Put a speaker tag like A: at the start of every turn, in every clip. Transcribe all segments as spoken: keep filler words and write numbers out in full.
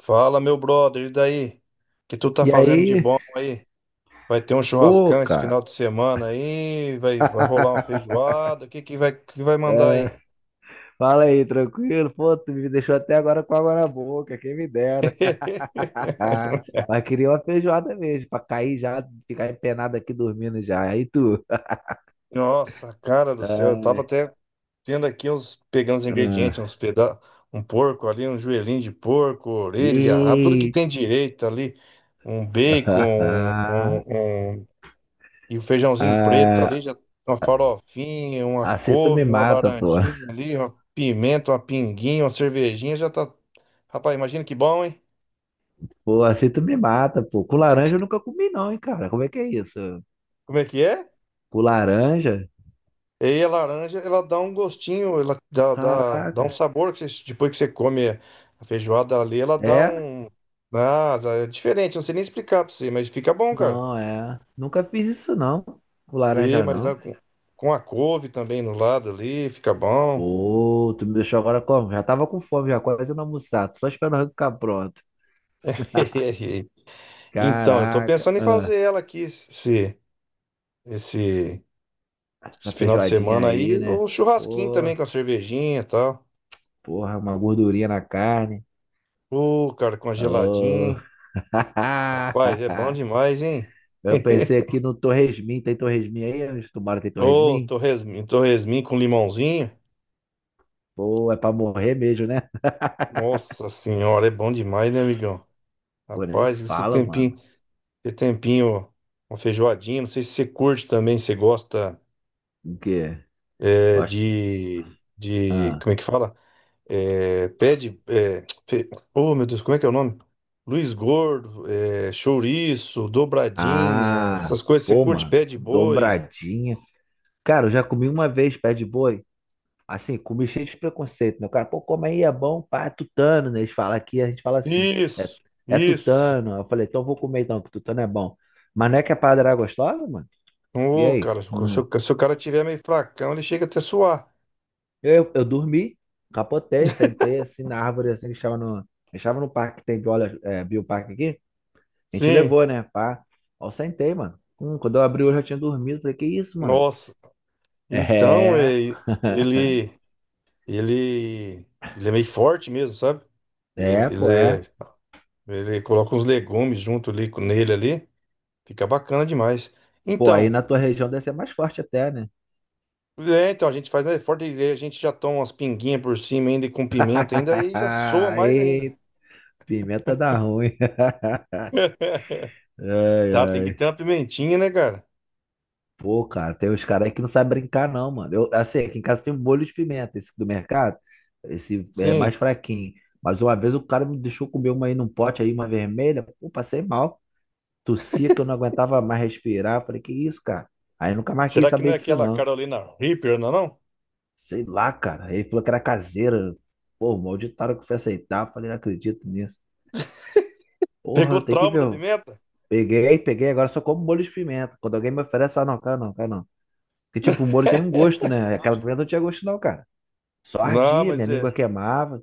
A: Fala, meu brother, e daí? O que tu tá
B: E
A: fazendo de
B: aí,
A: bom aí? Vai ter um
B: ô,
A: churrascão esse
B: cara.
A: final de semana aí? Vai, vai rolar uma feijoada? O que que vai, que vai mandar
B: É,
A: aí?
B: fala aí, tranquilo? Pô, tu me deixou até agora com água na boca, quem me dera. Ah, mas queria uma feijoada mesmo, pra cair já, ficar empenado aqui dormindo já. Aí tu.
A: Nossa, cara do céu, eu tava
B: Ah,
A: até tendo aqui uns, pegando os ingredientes, uns peda um porco ali, um joelhinho de porco, orelha, rabo, tudo que
B: e...
A: tem direito ali, um bacon, um, um, um E o feijãozinho preto
B: ah,
A: ali, já uma farofinha, uma
B: assim tu me
A: couve, uma
B: mata, pô.
A: laranjinha ali, uma pimenta, uma pinguinha, uma cervejinha, já tá. Rapaz, imagina que bom, hein?
B: Pô, assim tu me mata, pô. Com laranja eu nunca comi, não, hein, cara. Como é que é isso?
A: Como é que é?
B: Com laranja?
A: E aí a laranja, ela dá um gostinho, ela dá, dá, dá um
B: Caraca.
A: sabor que você- depois que você come a feijoada ali, ela dá
B: É?
A: um. Ah, é diferente, não sei nem explicar pra você, mas fica bom, cara.
B: Não, é. Nunca fiz isso, não. O
A: E,
B: laranja,
A: mas dá
B: não.
A: com, com a couve também no lado ali, fica bom.
B: Pô, tu me deixou agora como? Já tava com fome, já quase não almoçado. Só esperando ficar pronto.
A: Então, eu tô
B: Caraca.
A: pensando em fazer
B: Ah,
A: ela aqui, se. Esse,
B: essa
A: esse final de
B: feijoadinha
A: semana aí,
B: aí, né?
A: um churrasquinho
B: Pô,
A: também com a cervejinha e tal.
B: porra, uma gordurinha na carne.
A: Ô, cara, com congeladinho,
B: Oh.
A: hein? Rapaz, é bom demais, hein?
B: Eu pensei aqui no Torresmin. Tem Torresmin aí? Onde tu mora tem
A: Ô,
B: Torresmin?
A: torresmin torresmin com limãozinho.
B: Pô, é pra morrer mesmo, né?
A: Nossa senhora, é bom demais, né, amigão?
B: Pô, nem
A: Rapaz, esse
B: fala, mano.
A: tempinho, esse tempinho, uma feijoadinha, não sei se você curte também, se você gosta
B: O quê?
A: é,
B: Gosto.
A: de, de,
B: Ah.
A: como é que fala? é, pede. É, fe- oh, meu Deus, como é que é o nome? Luiz Gordo, é, chouriço, dobradinha,
B: Ah,
A: essas coisas. Você
B: Pô,
A: curte
B: mano,
A: pé de boi?
B: dobradinha. Cara, eu já comi uma vez pé de boi. Assim, comi cheio de preconceito, né? O cara, pô, come aí, é bom, pá, é tutano, né? Eles falam aqui, a gente fala assim, é,
A: Isso,
B: é
A: isso.
B: tutano. Eu falei, então eu vou comer então, que tutano é bom. Mas não é que a parada era gostosa, mano? E
A: Ô,
B: aí?
A: cara, se o, se
B: Hum.
A: o- se o cara tiver meio fracão, ele chega até a suar.
B: Eu, eu dormi, capotei, sentei assim na árvore, assim, que estava no, que estava no parque, que tem biola, é, bioparque aqui. A gente
A: Sim,
B: levou, né, pá. Ó, eu sentei, mano. Hum, quando eu abri, eu já tinha dormido. Falei, que isso, mano?
A: nossa. Então,
B: É.
A: é,
B: É,
A: ele, ele, ele é meio forte mesmo, sabe? Ele,
B: é, pô,
A: ele, é-
B: é.
A: ele coloca uns legumes junto ali com- nele ali. Fica bacana demais.
B: Pô, aí
A: Então.
B: na tua região deve ser mais forte até, né?
A: É, então a gente faz mais forte e aí a gente já toma umas pinguinhas por cima ainda e com pimenta ainda, aí já soa mais ainda.
B: Ei, pimenta dá ruim. Ai,
A: Tá, tem que
B: ai.
A: ter uma pimentinha, né, cara?
B: Pô, cara, tem uns caras aí que não sabem brincar, não, mano. Eu, assim, aqui em casa tem um molho de pimenta, esse do mercado. Esse é
A: Sim.
B: mais fraquinho. Mas uma vez o cara me deixou comer uma aí num pote aí, uma vermelha. Pô, passei mal. Tossia que eu não aguentava mais respirar. Falei, que isso, cara? Aí nunca mais quis
A: Será que não
B: saber
A: é
B: disso,
A: aquela
B: não.
A: Carolina Reaper, não, é não?
B: Sei lá, cara. Ele falou que era caseira. Pô, malditaram que foi aceitar. Falei, não acredito nisso. Porra,
A: Pegou
B: eu tenho que
A: trauma
B: ver.
A: da
B: Eu
A: pimenta?
B: peguei, peguei, agora só como molho de pimenta. Quando alguém me oferece, fala, não, cara, não, cara, não. Porque, tipo, o molho tem um gosto, né? Aquela pimenta não tinha gosto, não, cara. Só
A: Não,
B: ardia, minha
A: mas
B: língua
A: é.
B: queimava.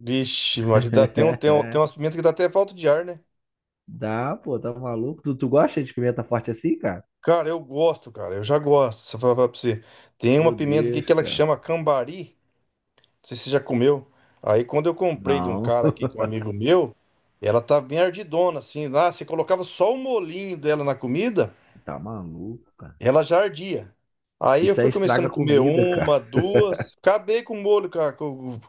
A: Vixe, mas dá, tem, um, tem, um, tem umas pimentas que dá até falta de ar, né?
B: Dá, pô, tá maluco? Tu, tu gosta de pimenta forte assim, cara?
A: Cara, eu gosto, cara. Eu já gosto. Se eu falar pra você. Tem uma
B: Meu
A: pimenta aqui que
B: Deus,
A: ela que
B: cara.
A: chama cambari. Não sei se você já comeu. Aí quando eu comprei de um
B: Não,
A: cara aqui, que é um amigo meu, ela tá bem ardidona, assim. Lá, você colocava só o molinho dela na comida,
B: tá maluco, cara.
A: ela já ardia. Aí eu
B: Isso aí
A: fui
B: estraga
A: começando a
B: a
A: comer
B: comida, cara.
A: uma, duas, acabei com o molho, cara, com,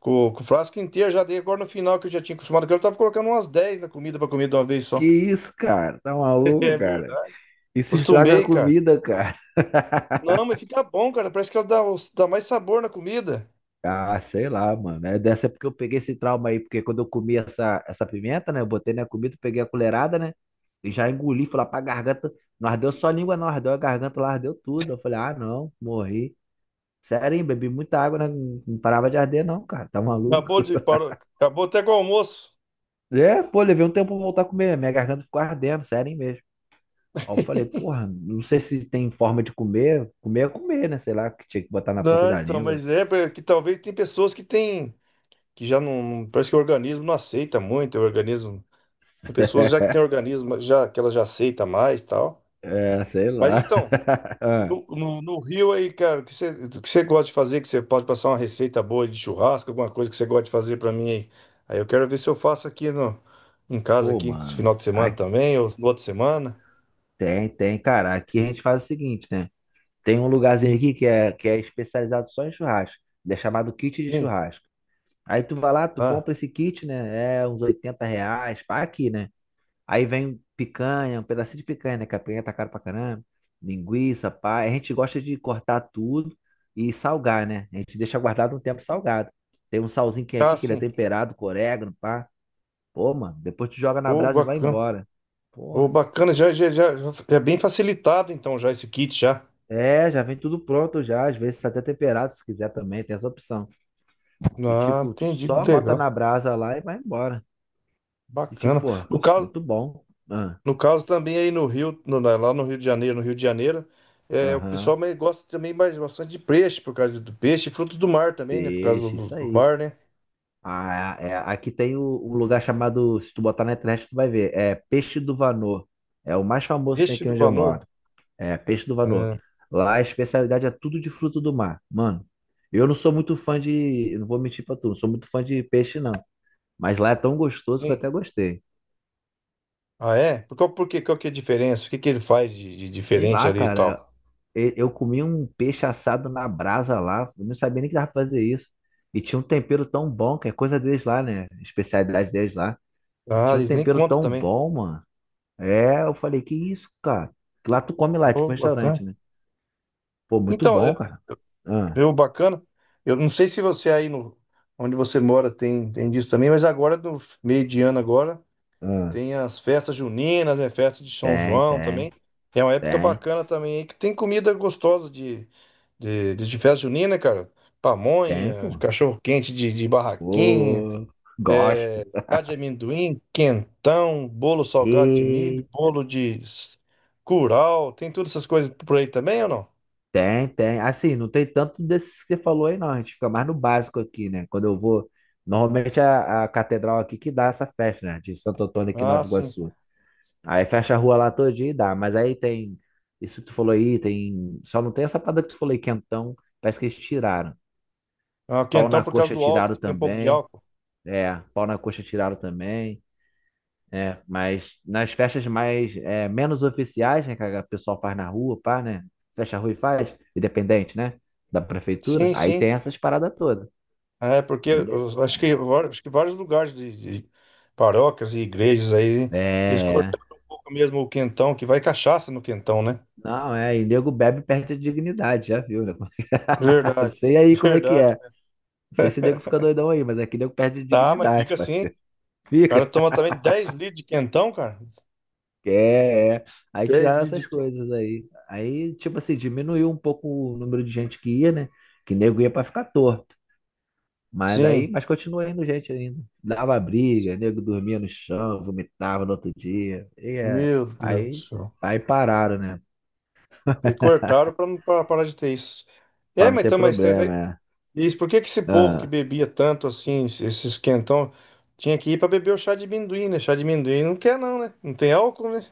A: com- com o frasco inteiro, já dei. Agora no final que eu já tinha acostumado, que eu tava colocando umas dez na comida pra comer de uma vez só.
B: Que isso, cara? Tá
A: É
B: maluco, cara?
A: verdade.
B: Isso estraga a
A: Acostumei, cara.
B: comida, cara.
A: Não, mas fica bom, cara. Parece que ela dá, dá mais sabor na comida.
B: Ah, sei lá, mano. É dessa porque eu peguei esse trauma aí, porque quando eu comi essa, essa pimenta, né? Eu botei na comida, peguei a colherada, né? E já engoli, fui lá pra garganta. Não ardeu só a língua, não ardeu a garganta, lá ardeu tudo. Eu falei, ah, não, morri. Sério, hein? Bebi muita água, né? Não parava de arder, não, cara. Tá maluco?
A: Acabou de parou, acabou até com o almoço.
B: É, pô, levei um tempo pra voltar a comer. Minha garganta ficou ardendo, sério, hein, mesmo. Aí eu falei, porra, não sei se tem forma de comer. Comer é comer, né? Sei lá, que tinha que botar na ponta
A: Não,
B: da
A: então,
B: língua.
A: mas é pra- que talvez tem pessoas que têm, que já não, não- parece que o organismo não aceita muito, o organismo, tem pessoas já que tem organismo, já que ela já aceita mais, e tal.
B: É, sei
A: Mas
B: lá.
A: então,
B: Ah,
A: no, no, no Rio aí, cara, o que você, o que você gosta de fazer, que você pode passar uma receita boa de churrasco, alguma coisa que você gosta de fazer pra mim aí. Aí eu quero ver se eu faço aqui no, em casa
B: Pô,
A: aqui, esse
B: mano.
A: final de
B: Ah,
A: semana também, ou no outra semana.
B: tem, tem, cara. Aqui a gente faz o seguinte, né? Tem um lugarzinho aqui que é, que é especializado só em churrasco. Ele é chamado kit de
A: Sim.
B: churrasco. Aí tu vai lá, tu
A: Ah,
B: compra esse kit, né? É uns oitenta reais, pá, aqui, né? Aí vem picanha, um pedacinho de picanha, né? Que a picanha tá cara pra caramba. Linguiça, pá. A gente gosta de cortar tudo e salgar, né? A gente deixa guardado um tempo salgado. Tem um salzinho que é
A: ah,
B: aqui, que ele é
A: sim.
B: temperado com orégano, pá. Pô, mano, depois tu joga na
A: Ô,
B: brasa e vai
A: bacana.
B: embora.
A: Ô,
B: Porra.
A: bacana, já, já, já, já é bem facilitado então já esse kit já.
B: É, já vem tudo pronto já, às vezes tá até temperado se quiser também, tem essa opção. E
A: Ah,
B: tipo, tu
A: entendi, que
B: só bota
A: legal,
B: na brasa lá e vai embora. E tipo,
A: bacana.
B: pô,
A: No caso,
B: muito bom. Ah,
A: no caso também aí no Rio, no- na- lá no Rio de Janeiro, no Rio de Janeiro, é, o
B: Aham,
A: pessoal mais gosta também mais bastante de peixe, por causa do peixe e frutos do mar também, né? Por causa
B: peixe,
A: do,
B: isso
A: do
B: aí.
A: mar, né?
B: Ah, é, é, aqui tem o, um lugar chamado, se tu botar na internet tu vai ver, é Peixe do Vanô. É o mais famoso que tem
A: Peixe
B: aqui
A: do
B: onde eu
A: valor.
B: moro. É, Peixe do Vanô.
A: Ah,
B: Lá a especialidade é tudo de fruto do mar. Mano, eu não sou muito fã de. Eu Não vou mentir pra tu, não sou muito fã de peixe, não. Mas lá é tão gostoso que eu
A: sim.
B: até gostei.
A: Ah, é? Por qual, por quê? Qual que é a diferença? O que que ele faz de, de
B: Sei
A: diferente
B: lá,
A: ali e
B: cara.
A: tal?
B: e- Eu comi um peixe assado na brasa lá. Eu não sabia nem que dava pra fazer isso. E tinha um tempero tão bom, que é coisa deles lá, né? Especialidade deles lá.
A: Ah,
B: Tinha um
A: eles nem
B: tempero
A: contam
B: tão
A: também.
B: bom, mano. É, eu falei, que isso, cara? Lá tu come lá, é tipo um
A: Oh,
B: restaurante,
A: bacana.
B: né? Pô, muito
A: Então, é,
B: bom, cara. Ah,
A: eu, bacana. Eu não sei se você aí no, onde você mora tem, tem disso também, mas agora, no meio de ano agora.
B: ah.
A: Tem as festas juninas, né? Festa de São
B: Tem,
A: João
B: tem,
A: também. É uma época
B: Tem,
A: bacana também, aí, que tem comida gostosa de, de, de, de festa junina, né, cara.
B: Tem,
A: Pamonha,
B: pô.
A: cachorro-quente de, de barraquinha,
B: Ô, gosto.
A: lá de amendoim, quentão, bolo salgado de milho,
B: E
A: bolo de s- curau. Tem todas essas coisas por aí também ou não?
B: tem, tem. Assim, não tem tanto desses que você falou aí, não. A gente fica mais no básico aqui, né? Quando eu vou. Normalmente a, a catedral aqui que dá essa festa, né? De Santo Antônio aqui em
A: Ah,
B: Nova
A: sim.
B: Iguaçu. Aí fecha a rua lá todinha e dá. Mas aí tem. Isso que tu falou aí, tem. Só não tem essa parada que tu falou aí, quentão. Parece que eles tiraram.
A: Ah,
B: Pau
A: quentão
B: na
A: por causa
B: coxa
A: do álcool,
B: tiraram
A: que tem um pouco de
B: também.
A: álcool.
B: É, pau na coxa tiraram também. É, mas nas festas mais é, menos oficiais, né, que a pessoal faz na rua, pá, né? Fecha a rua e faz, independente, né? Da prefeitura,
A: Sim,
B: aí tem
A: sim.
B: essas paradas todas.
A: É, porque eu acho que, var- acho que vários lugares de, de paróquias e igrejas aí, eles
B: É,
A: cortaram um pouco mesmo o quentão, que vai cachaça no quentão, né?
B: não, é, e nego bebe e perde a dignidade, já viu, né? Não
A: Verdade,
B: sei aí como é que
A: verdade.
B: é. Não sei se nego fica doidão aí, mas aqui nego perde a
A: Tá, mas fica
B: dignidade,
A: assim. O
B: parceiro.
A: cara
B: Fica.
A: toma também dez litros de quentão, cara.
B: É, é. Aí
A: Dez
B: tiraram
A: litros de
B: essas
A: quentão.
B: coisas aí. Aí, tipo assim, diminuiu um pouco o número de gente que ia, né? Que nego ia pra ficar à toa. Mas aí,
A: Sim,
B: mas continua indo gente ainda. Dava briga, nego dormia no chão, vomitava no outro dia. E é,
A: meu Deus do
B: aí,
A: céu.
B: aí pararam, né?
A: Aí cortaram pra não pra parar de ter isso.
B: Pra
A: É,
B: não
A: mas
B: ter
A: então, mas
B: problema,
A: é,
B: é.
A: isso, por que que esse povo que
B: Ah,
A: bebia tanto assim, esses quentão, tinha que ir pra beber o chá de amendoim, né? Chá de amendoim não quer, não, né? Não tem álcool, né?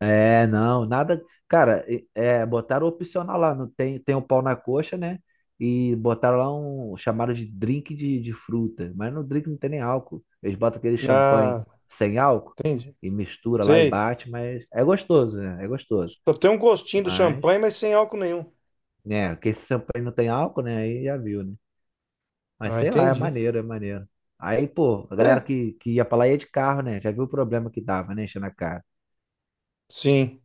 B: é, não, nada. Cara, e- é, botaram opcional lá, não tem, tem um pau na coxa, né? E botaram lá um chamado de drink de, de fruta. Mas no drink não tem nem álcool. Eles botam aquele champanhe
A: Ah,
B: sem álcool
A: entendi.
B: e mistura lá e
A: Sei.
B: bate, mas é gostoso, né? É gostoso.
A: Só tem um gostinho do
B: Mas.
A: champanhe, mas sem álcool nenhum.
B: Né? Porque esse champanhe não tem álcool, né? Aí já viu, né? Mas
A: Ah,
B: sei lá, é
A: entendi.
B: maneiro, é maneiro. Aí, pô, a galera
A: É,
B: que, que ia pra lá ia de carro, né? Já viu o problema que dava, né? Enchendo a cara.
A: sim,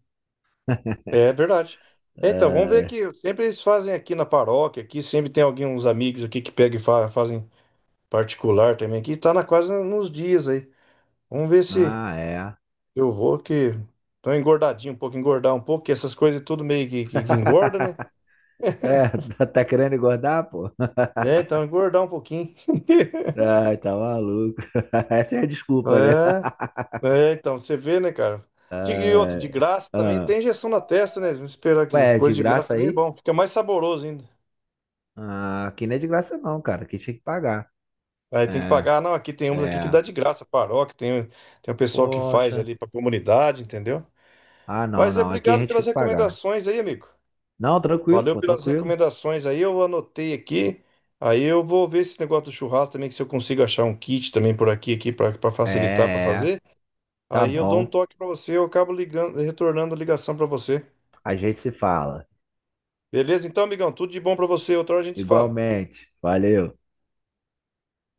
A: é verdade. É, então, vamos ver
B: É.
A: aqui. Sempre eles fazem aqui na paróquia, aqui sempre tem alguém, uns amigos aqui que pegam e fa- fazem particular também aqui. Tá na quase nos dias aí. Vamos ver se
B: Ah, é.
A: eu vou, que tô engordadinho um pouco, engordar um pouco, que essas coisas tudo meio que, que, que engorda, né?
B: É, tá tá querendo engordar, pô?
A: É, então engordar um pouquinho.
B: Ai, tá maluco. Essa é a desculpa, né?
A: É. É, então, você vê, né, cara? De, e outra, de
B: Ai,
A: graça também
B: ah.
A: tem injeção na testa, né? Vamos esperar que
B: Ué, é de
A: coisa de graça
B: graça
A: também é
B: aí?
A: bom, fica mais saboroso ainda.
B: Ah, aqui não é de graça não, cara. Aqui tinha que pagar.
A: Aí tem que
B: É,
A: pagar, não, aqui tem uns aqui que dá
B: é.
A: de graça, paróquia, tem, tem o pessoal que faz
B: Poxa.
A: ali pra comunidade, entendeu?
B: Ah, não,
A: Mas é
B: não. Aqui a
A: obrigado
B: gente tem
A: pelas
B: que pagar.
A: recomendações aí, amigo.
B: Não, tranquilo,
A: Valeu
B: pô,
A: pelas
B: tranquilo.
A: recomendações aí, eu anotei aqui. Aí eu vou ver esse negócio do churrasco também, que se eu consigo achar um kit também por aqui, aqui para
B: É,
A: facilitar pra
B: é.
A: fazer.
B: Tá
A: Aí eu dou um
B: bom.
A: toque pra você, eu acabo ligando, retornando a ligação pra você.
B: A gente se fala.
A: Beleza? Então, amigão, tudo de bom pra você. Outra hora a gente se fala.
B: Igualmente. Valeu.